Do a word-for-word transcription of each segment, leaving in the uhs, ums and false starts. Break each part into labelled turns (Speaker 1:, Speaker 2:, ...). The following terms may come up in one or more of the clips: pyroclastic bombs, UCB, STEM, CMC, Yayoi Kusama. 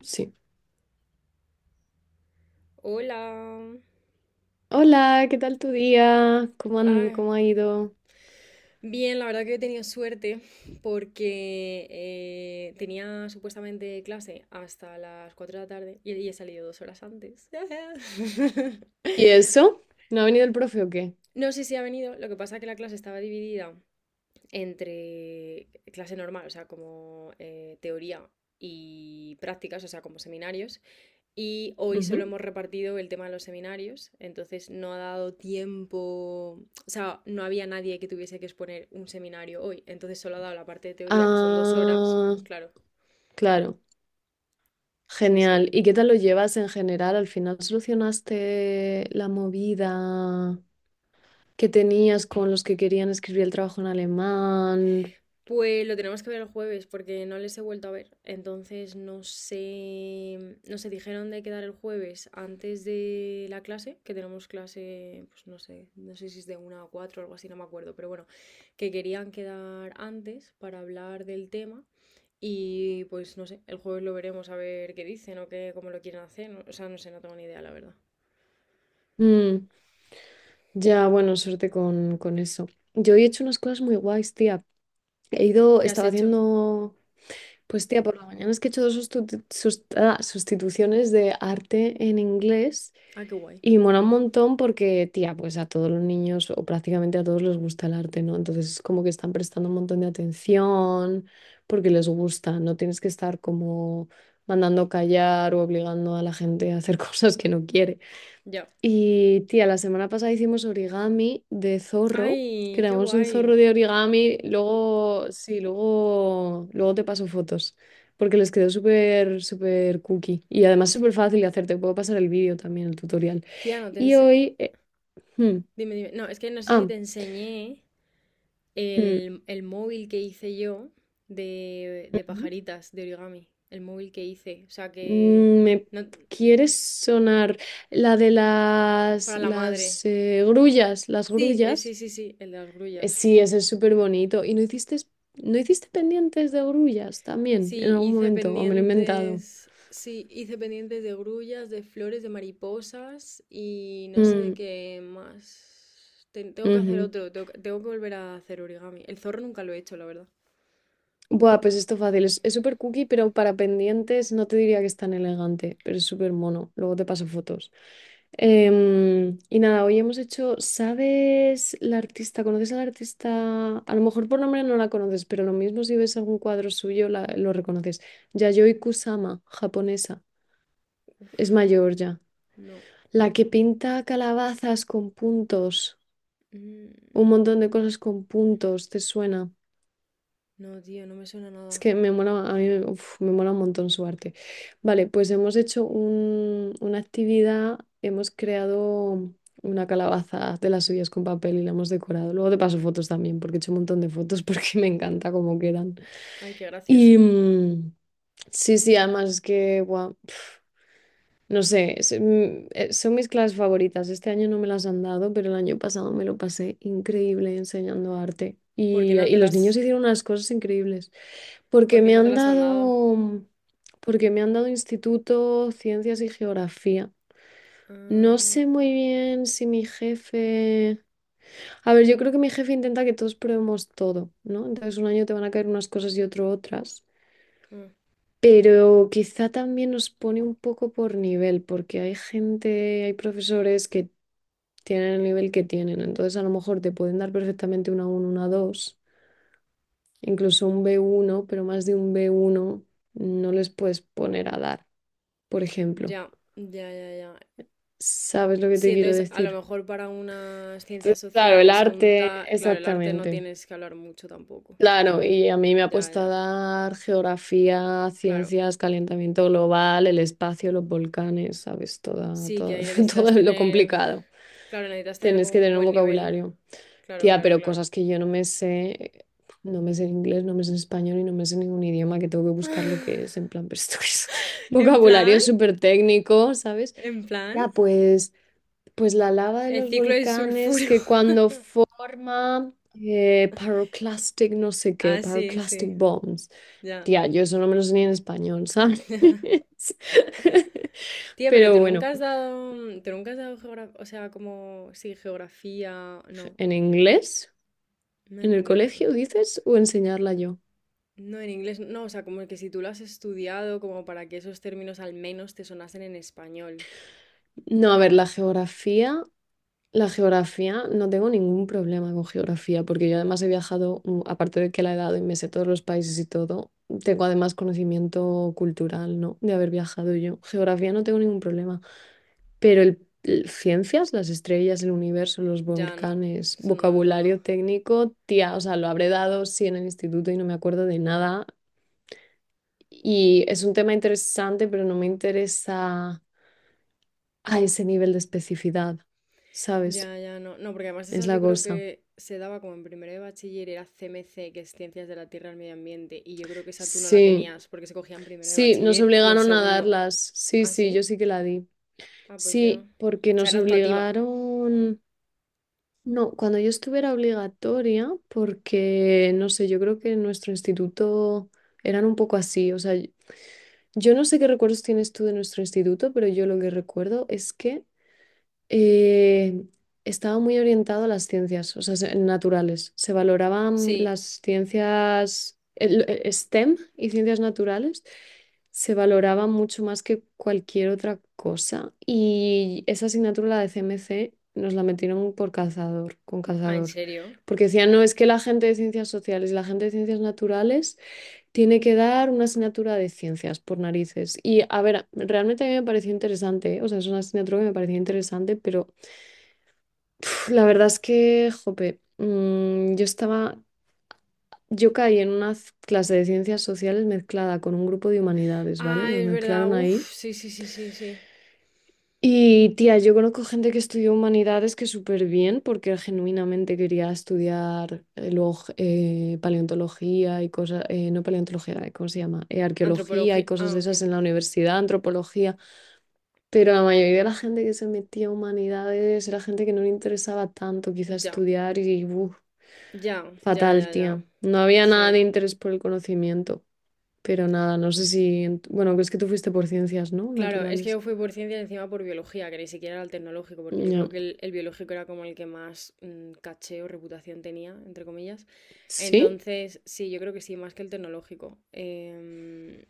Speaker 1: Sí.
Speaker 2: Hola.
Speaker 1: Hola, ¿qué tal tu día? ¿Cómo han-
Speaker 2: Ah,
Speaker 1: cómo ha ido?
Speaker 2: bien, la verdad que he tenido suerte porque eh, tenía supuestamente clase hasta las cuatro de la tarde y, y he salido dos horas antes.
Speaker 1: ¿Y eso? ¿No ha venido el profe o qué?
Speaker 2: No sé si ha venido, lo que pasa es que la clase estaba dividida entre clase normal, o sea, como eh, teoría y prácticas, o sea, como seminarios. Y hoy solo
Speaker 1: Ujú.
Speaker 2: hemos repartido el tema de los seminarios, entonces no ha dado tiempo, o sea, no había nadie que tuviese que exponer un seminario hoy, entonces solo ha dado la parte de teoría, que son dos horas,
Speaker 1: Ah,
Speaker 2: claro,
Speaker 1: claro.
Speaker 2: sí, sí.
Speaker 1: Genial. ¿Y qué tal lo llevas en general? ¿Al final solucionaste la movida que tenías con los que querían escribir el trabajo en alemán?
Speaker 2: Pues lo tenemos que ver el jueves porque no les he vuelto a ver, entonces no sé, no sé, dijeron de quedar el jueves antes de la clase, que tenemos clase, pues no sé, no sé si es de una a cuatro o algo así, no me acuerdo, pero bueno, que querían quedar antes para hablar del tema. Y pues no sé, el jueves lo veremos a ver qué dicen o qué, cómo lo quieren hacer. No- o sea, no sé, no tengo ni idea, la verdad.
Speaker 1: Mm, ya, bueno, suerte con, con eso. Yo he hecho unas cosas muy guays, tía. He ido,
Speaker 2: ¿Qué has
Speaker 1: estaba
Speaker 2: hecho?
Speaker 1: haciendo. Pues tía, por la mañana es que he hecho dos sustitu- sust- ah, sustituciones de arte en inglés,
Speaker 2: Ah, qué guay.
Speaker 1: y mola un montón porque, tía, pues a todos los niños o prácticamente a todos les gusta el arte, ¿no? Entonces es como que están prestando un montón de atención porque les gusta, no tienes que estar como mandando callar o obligando a la gente a hacer cosas que no quiere.
Speaker 2: Ya.
Speaker 1: Y tía, la semana pasada hicimos origami de zorro.
Speaker 2: Ay, qué
Speaker 1: Creamos un
Speaker 2: guay.
Speaker 1: zorro de origami. Luego, sí, luego, luego te paso fotos. Porque les quedó súper, súper cookie. Y además súper fácil de hacer. Te puedo pasar el vídeo también, el tutorial.
Speaker 2: Tía, no te
Speaker 1: Y
Speaker 2: ense-
Speaker 1: hoy. eh, hmm,
Speaker 2: Dime, dime. No, es que no sé si
Speaker 1: ah,
Speaker 2: te enseñé
Speaker 1: hmm,
Speaker 2: el, el móvil que hice yo de, de
Speaker 1: Ujú.
Speaker 2: pajaritas, de origami. El móvil que hice. O sea, que...
Speaker 1: Mm, ¿Me
Speaker 2: no-
Speaker 1: quieres sonar la de las,
Speaker 2: para la madre.
Speaker 1: las eh, grullas? Las
Speaker 2: Sí, eh, sí,
Speaker 1: grullas.
Speaker 2: sí, sí, el de las
Speaker 1: Eh,
Speaker 2: grullas.
Speaker 1: Sí, ese es súper bonito. ¿Y no hiciste, no hiciste pendientes de grullas también
Speaker 2: Sí,
Speaker 1: en algún
Speaker 2: hice
Speaker 1: momento? ¿O me lo he inventado?
Speaker 2: pendientes, sí, hice pendientes de grullas, de flores, de mariposas y no sé de
Speaker 1: Mm,
Speaker 2: qué más. Ten- tengo que hacer
Speaker 1: ujú.
Speaker 2: otro, tengo, que tengo que volver a hacer origami. El zorro nunca lo he hecho, la verdad.
Speaker 1: Buah, pues esto fácil. Es es súper cookie, pero para pendientes no te diría que es tan elegante, pero es súper mono. Luego te paso fotos. Em, y nada, hoy hemos hecho, ¿sabes la artista? ¿Conoces a la artista? A lo mejor por nombre no la conoces, pero lo mismo si ves algún cuadro suyo la- lo reconoces. Yayoi Kusama, japonesa. Es mayor ya.
Speaker 2: No.
Speaker 1: La que pinta calabazas con puntos,
Speaker 2: Mm,
Speaker 1: un montón de cosas con puntos, ¿te suena?
Speaker 2: no, tío, no me suena
Speaker 1: Es
Speaker 2: nada.
Speaker 1: que me mola, a mí me uf, me mola un montón su arte. Vale, pues hemos hecho un- una actividad, hemos creado una calabaza de las suyas con papel y la hemos decorado. Luego te paso fotos también, porque he hecho un montón de fotos porque me encanta cómo quedan.
Speaker 2: Ay, qué gracioso.
Speaker 1: Y mm, sí, sí, además es que, guau, no sé, es, mm, eh, son mis clases favoritas. Este año no me las han dado, pero el año pasado me lo pasé increíble enseñando arte.
Speaker 2: Por qué
Speaker 1: Y,
Speaker 2: no
Speaker 1: y
Speaker 2: te
Speaker 1: los niños
Speaker 2: las
Speaker 1: hicieron unas cosas increíbles.
Speaker 2: por
Speaker 1: Porque
Speaker 2: qué
Speaker 1: me
Speaker 2: no te
Speaker 1: han
Speaker 2: las han dado?
Speaker 1: dado, porque me han dado instituto, ciencias y geografía. No
Speaker 2: Ah,
Speaker 1: sé muy bien si mi jefe... A ver, yo creo que mi jefe intenta que todos probemos todo, ¿no? Entonces un año te van a caer unas cosas y otro otras.
Speaker 2: ah,
Speaker 1: Pero quizá también nos pone un poco por nivel, porque hay gente, hay profesores que tienen el nivel que tienen, entonces a lo mejor te pueden dar perfectamente una uno una dos, incluso un b uno, pero más de un b uno no les puedes poner a dar, por ejemplo.
Speaker 2: ya, ya, ya, ya.
Speaker 1: ¿Sabes lo que
Speaker 2: Sí,
Speaker 1: te quiero
Speaker 2: entonces a lo
Speaker 1: decir?
Speaker 2: mejor para unas ciencias
Speaker 1: Claro, el
Speaker 2: sociales o un
Speaker 1: arte,
Speaker 2: ta... Claro, el arte no
Speaker 1: exactamente.
Speaker 2: tienes que hablar mucho tampoco.
Speaker 1: Claro, y a mí me ha
Speaker 2: Ya,
Speaker 1: puesto a
Speaker 2: ya.
Speaker 1: dar geografía,
Speaker 2: Claro.
Speaker 1: ciencias, calentamiento global, el espacio, los volcanes, ¿sabes? Toda,
Speaker 2: Sí, que
Speaker 1: todo,
Speaker 2: ahí
Speaker 1: todo
Speaker 2: necesitas
Speaker 1: lo
Speaker 2: tener.
Speaker 1: complicado.
Speaker 2: Claro, necesitas tener
Speaker 1: Tienes
Speaker 2: como
Speaker 1: que
Speaker 2: un
Speaker 1: tener un
Speaker 2: buen nivel.
Speaker 1: vocabulario.
Speaker 2: Claro,
Speaker 1: Tía,
Speaker 2: claro,
Speaker 1: pero
Speaker 2: claro.
Speaker 1: cosas que yo no me sé, no me sé en inglés, no me sé en español y no me sé ningún idioma, que tengo que buscar lo que es, en plan, pero esto es
Speaker 2: En
Speaker 1: vocabulario
Speaker 2: plan,
Speaker 1: súper técnico, ¿sabes?
Speaker 2: en plan.
Speaker 1: Ya, pues... Pues la lava de
Speaker 2: El
Speaker 1: los
Speaker 2: ciclo del
Speaker 1: volcanes
Speaker 2: sulfuro.
Speaker 1: que cuando forma eh, pyroclastic no sé qué,
Speaker 2: Ah, sí,
Speaker 1: pyroclastic
Speaker 2: sí.
Speaker 1: bombs.
Speaker 2: Ya.
Speaker 1: Tía, yo eso no me lo sé ni en español, ¿sabes?
Speaker 2: Tía, pero
Speaker 1: Pero
Speaker 2: tú
Speaker 1: bueno,
Speaker 2: nunca has dado. Tú nunca has dado geografía. O sea, como. Sí, geografía. No.
Speaker 1: ¿en inglés?
Speaker 2: No
Speaker 1: ¿En
Speaker 2: en
Speaker 1: el
Speaker 2: inglés.
Speaker 1: colegio dices? ¿O enseñarla yo?
Speaker 2: No, en inglés. No, o sea, como que si tú lo has estudiado, como para que esos términos al menos te sonasen en español.
Speaker 1: No, a ver, la geografía. La geografía, no tengo ningún problema con geografía, porque yo además he viajado, mm, aparte de que la he dado y me sé todos los países y todo, tengo además conocimiento cultural, ¿no? De haber viajado yo. Geografía no tengo ningún problema, pero el, el- ciencias, las estrellas, el universo, los
Speaker 2: Ya no.
Speaker 1: volcanes,
Speaker 2: Eso no lo has
Speaker 1: vocabulario
Speaker 2: dado.
Speaker 1: técnico, tía, o sea, lo habré dado sí en el instituto y no me acuerdo de nada. Y es un tema interesante, pero no me interesa a ese nivel de especificidad, ¿sabes?
Speaker 2: Ya, ya, no. No, porque además
Speaker 1: Es
Speaker 2: esas
Speaker 1: la
Speaker 2: yo creo
Speaker 1: cosa.
Speaker 2: que se daba como en primero de bachiller, era C M C, que es Ciencias de la Tierra al Medio Ambiente, y yo creo que esa tú no la
Speaker 1: Sí,
Speaker 2: tenías porque se cogía en primero de
Speaker 1: sí, nos
Speaker 2: bachiller y en
Speaker 1: obligaron a
Speaker 2: segundo.
Speaker 1: darlas. Sí,
Speaker 2: ¿Ah,
Speaker 1: sí,
Speaker 2: sí?
Speaker 1: yo sí que la di.
Speaker 2: Ah, pues yo. O
Speaker 1: Sí, porque
Speaker 2: sea,
Speaker 1: nos
Speaker 2: era actuativa.
Speaker 1: obligaron. No, cuando yo estuve era obligatoria, porque no sé, yo creo que en nuestro instituto eran un poco así. O sea, yo no sé qué recuerdos tienes tú de nuestro instituto, pero yo lo que recuerdo es que eh, estaba muy orientado a las ciencias, o sea, se- naturales. Se valoraban
Speaker 2: Sí.
Speaker 1: las ciencias, el- el STEM y ciencias naturales, se valoraban mucho más que cualquier otra cosa. Y esa asignatura, la de C M C, nos la metieron por cazador, con
Speaker 2: Ah, ¿en
Speaker 1: cazador.
Speaker 2: serio?
Speaker 1: Porque decían, no, es que la gente de ciencias sociales y la gente de ciencias naturales tiene que dar una asignatura de ciencias por narices. Y a ver, realmente a mí me pareció interesante, ¿eh? O sea, es una asignatura que me pareció interesante, pero pf, la verdad es que, jope, mm, yo estaba, yo caí en una c- clase de ciencias sociales mezclada con un grupo de humanidades, ¿vale?
Speaker 2: Ah,
Speaker 1: Nos
Speaker 2: es verdad.
Speaker 1: mezclaron ahí.
Speaker 2: Uf, sí, sí, sí, sí, sí.
Speaker 1: Y tía, yo conozco gente que estudió humanidades que súper bien porque genuinamente quería estudiar eh, luego g- eh, paleontología y cosas, eh, no paleontología, eh, ¿cómo se llama? Eh, arqueología y
Speaker 2: Antropología.
Speaker 1: cosas
Speaker 2: Ah,
Speaker 1: de
Speaker 2: ok.
Speaker 1: esas en la universidad, antropología, pero la mayoría de la gente que se metía a humanidades era gente que no le interesaba tanto quizá
Speaker 2: Ya,
Speaker 1: estudiar y uf,
Speaker 2: ya, ya,
Speaker 1: fatal,
Speaker 2: ya, ya.
Speaker 1: tía. No había nada
Speaker 2: Sí.
Speaker 1: de interés por el conocimiento, pero nada, no sé si, en tu- bueno, es que tú fuiste por ciencias, ¿no?
Speaker 2: Claro, es que yo
Speaker 1: Naturales.
Speaker 2: fui por ciencia y encima por biología, que ni siquiera era el tecnológico, porque yo creo
Speaker 1: Ya.
Speaker 2: que el, el biológico era como el que más mm, caché o reputación tenía, entre comillas.
Speaker 1: ¿Sí?
Speaker 2: Entonces, sí, yo creo que sí, más que el tecnológico. Em,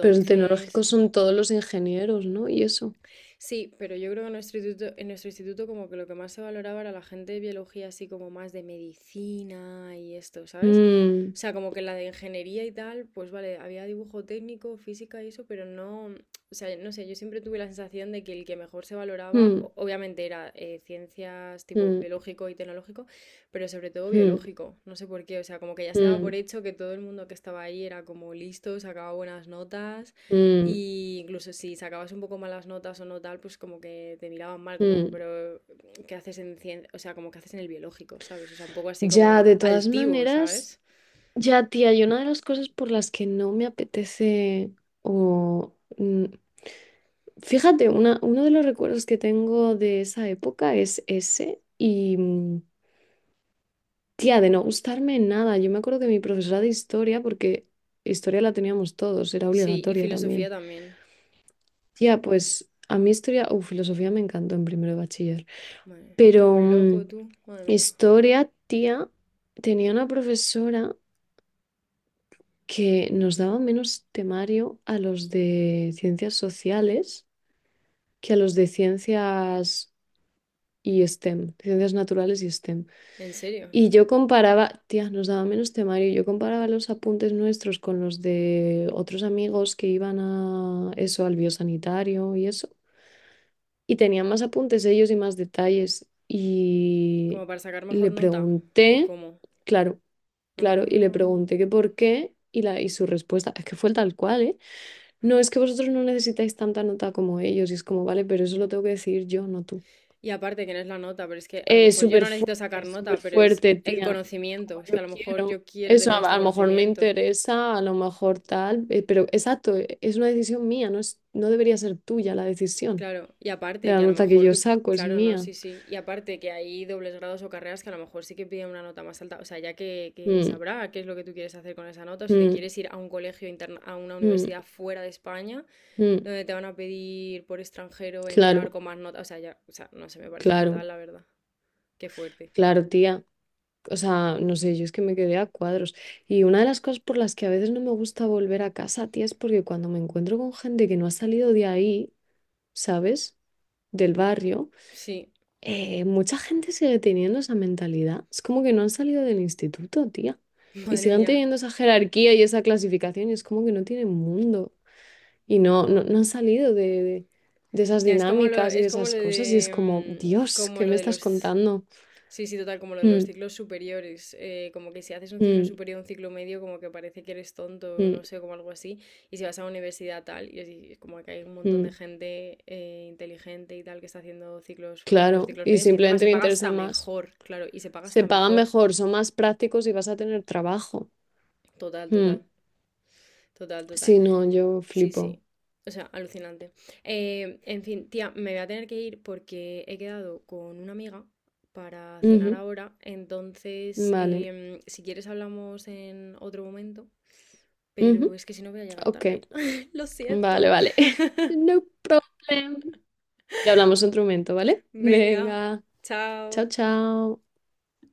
Speaker 1: Pero el tecnológico son todos los ingenieros, ¿no? Y eso.
Speaker 2: sí, pero yo creo que en nuestro instituto, en nuestro instituto como que lo que más se valoraba era la gente de biología, así como más de medicina y esto, ¿sabes?
Speaker 1: Mm,
Speaker 2: O sea, como que la de ingeniería y tal, pues vale, había dibujo técnico, física y eso, pero no, o sea, no sé, yo siempre tuve la sensación de que el que mejor se valoraba,
Speaker 1: mm,
Speaker 2: o- obviamente era eh, ciencias tipo
Speaker 1: mm,
Speaker 2: biológico y tecnológico, pero sobre todo
Speaker 1: mm,
Speaker 2: biológico, no sé por qué, o sea, como que ya se daba por
Speaker 1: mm,
Speaker 2: hecho que todo el mundo que estaba ahí era como listo, sacaba buenas notas.
Speaker 1: mm,
Speaker 2: Y incluso si sacabas un poco malas notas o no tal, pues como que te miraban mal, como,
Speaker 1: mm.
Speaker 2: pero ¿qué haces en cien- o sea, como que haces en el biológico, ¿sabes? O sea, un poco así
Speaker 1: Ya,
Speaker 2: como
Speaker 1: de todas
Speaker 2: altivo,
Speaker 1: maneras,
Speaker 2: ¿sabes?
Speaker 1: ya, tía, y una de las cosas por las que no me apetece o... mm, fíjate, una, uno de los recuerdos que tengo de esa época es ese y, mm, tía, de no gustarme nada. Yo me acuerdo que mi profesora de historia, porque historia la teníamos todos, era
Speaker 2: Sí, y
Speaker 1: obligatoria
Speaker 2: filosofía
Speaker 1: también.
Speaker 2: también.
Speaker 1: Tía, pues a mí historia o filosofía me encantó en primero de bachiller,
Speaker 2: Madre, tú
Speaker 1: pero
Speaker 2: un loco,
Speaker 1: mm,
Speaker 2: tú, madre mía.
Speaker 1: historia, tía, tenía una profesora que nos daba menos temario a los de ciencias sociales que a los de ciencias y STEM, ciencias naturales y STEM.
Speaker 2: ¿En serio?
Speaker 1: Y yo comparaba, tía, nos daba menos temario, yo comparaba los apuntes nuestros con los de otros amigos que iban a eso, al biosanitario y eso, y tenía más apuntes ellos y más detalles.
Speaker 2: ¿Como
Speaker 1: Y
Speaker 2: para sacar mejor
Speaker 1: le
Speaker 2: nota? ¿O
Speaker 1: pregunté,
Speaker 2: cómo?
Speaker 1: claro, claro, y le
Speaker 2: Ah.
Speaker 1: pregunté que por qué, y, la, y su respuesta es que fue tal cual, ¿eh? No, es que vosotros no necesitáis tanta nota como ellos, y es como, vale, pero eso lo tengo que decir yo, no tú.
Speaker 2: Y aparte que no es la nota, pero es que a lo
Speaker 1: Eh,
Speaker 2: mejor yo
Speaker 1: súper
Speaker 2: no necesito sacar
Speaker 1: fuerte, súper
Speaker 2: nota, pero es
Speaker 1: fuerte,
Speaker 2: el
Speaker 1: tía,
Speaker 2: conocimiento. Es
Speaker 1: yo
Speaker 2: que a lo mejor
Speaker 1: quiero.
Speaker 2: yo quiero
Speaker 1: Eso
Speaker 2: tener
Speaker 1: a,
Speaker 2: este
Speaker 1: a lo mejor me
Speaker 2: conocimiento.
Speaker 1: interesa, a lo mejor tal, eh, pero exacto, eh, es una decisión mía, no es, no debería ser tuya la decisión.
Speaker 2: Claro, y
Speaker 1: De
Speaker 2: aparte
Speaker 1: la
Speaker 2: que a lo
Speaker 1: nota que
Speaker 2: mejor
Speaker 1: yo
Speaker 2: tú,
Speaker 1: saco es
Speaker 2: claro, no,
Speaker 1: mía.
Speaker 2: sí, sí, y aparte que hay dobles grados o carreras que a lo mejor sí que piden una nota más alta, o sea, ya que, que
Speaker 1: Mm.
Speaker 2: sabrá qué es lo que tú quieres hacer con esa nota, o si te
Speaker 1: Mm,
Speaker 2: quieres ir a un colegio interna, a una
Speaker 1: mm,
Speaker 2: universidad fuera de España,
Speaker 1: mm.
Speaker 2: donde te van a pedir por extranjero entrar
Speaker 1: Claro,
Speaker 2: con más notas, o sea, ya, o sea, no sé, me parece
Speaker 1: claro,
Speaker 2: fatal, la verdad, qué fuerte.
Speaker 1: claro, tía. O sea, no sé, yo es que me quedé a cuadros. Y una de las cosas por las que a veces no me gusta volver a casa, tía, es porque cuando me encuentro con gente que no ha salido de ahí, ¿sabes? Del barrio,
Speaker 2: Sí,
Speaker 1: eh, mucha gente sigue teniendo esa mentalidad. Es como que no han salido del instituto, tía. Y
Speaker 2: madre
Speaker 1: siguen
Speaker 2: mía.
Speaker 1: teniendo esa jerarquía y esa clasificación y es como que no tienen mundo. Y no, no, no han salido de, de- de esas
Speaker 2: Ya, es como lo,
Speaker 1: dinámicas y de
Speaker 2: es como
Speaker 1: esas
Speaker 2: lo
Speaker 1: cosas y es como,
Speaker 2: de, mm,
Speaker 1: Dios,
Speaker 2: como
Speaker 1: ¿qué
Speaker 2: lo
Speaker 1: me
Speaker 2: de
Speaker 1: estás
Speaker 2: los
Speaker 1: contando?
Speaker 2: sí, sí, total, como lo de los
Speaker 1: Mm,
Speaker 2: ciclos superiores, eh, como que si haces un ciclo
Speaker 1: mm,
Speaker 2: superior, un ciclo medio, como que parece que eres tonto, no
Speaker 1: mm,
Speaker 2: sé, como algo así, y si vas a la universidad tal, y así, es como que hay un montón de
Speaker 1: mm.
Speaker 2: gente eh, inteligente y tal que está haciendo ciclos formativos,
Speaker 1: Claro,
Speaker 2: ciclos
Speaker 1: y
Speaker 2: medios, que encima
Speaker 1: simplemente
Speaker 2: se
Speaker 1: le
Speaker 2: paga
Speaker 1: interesa
Speaker 2: hasta
Speaker 1: más.
Speaker 2: mejor, claro, y se paga
Speaker 1: Se
Speaker 2: hasta
Speaker 1: pagan
Speaker 2: mejor,
Speaker 1: mejor, son más prácticos y vas a tener trabajo.
Speaker 2: total,
Speaker 1: Mm.
Speaker 2: total, total, total.
Speaker 1: Sí, no, yo
Speaker 2: Sí,
Speaker 1: flipo.
Speaker 2: sí. O sea, alucinante. Eh, en fin, tía, me voy a tener que ir porque he quedado con una amiga para cenar
Speaker 1: Ujú,
Speaker 2: ahora. Entonces,
Speaker 1: vale.
Speaker 2: em, si quieres hablamos en otro momento, pero
Speaker 1: Ujú,
Speaker 2: es que si no voy a llegar
Speaker 1: ok,
Speaker 2: tarde. Lo
Speaker 1: vale,
Speaker 2: siento.
Speaker 1: vale. No problem. Ya hablamos otro momento, ¿vale?
Speaker 2: Venga,
Speaker 1: Venga,
Speaker 2: chao.
Speaker 1: chao, chao.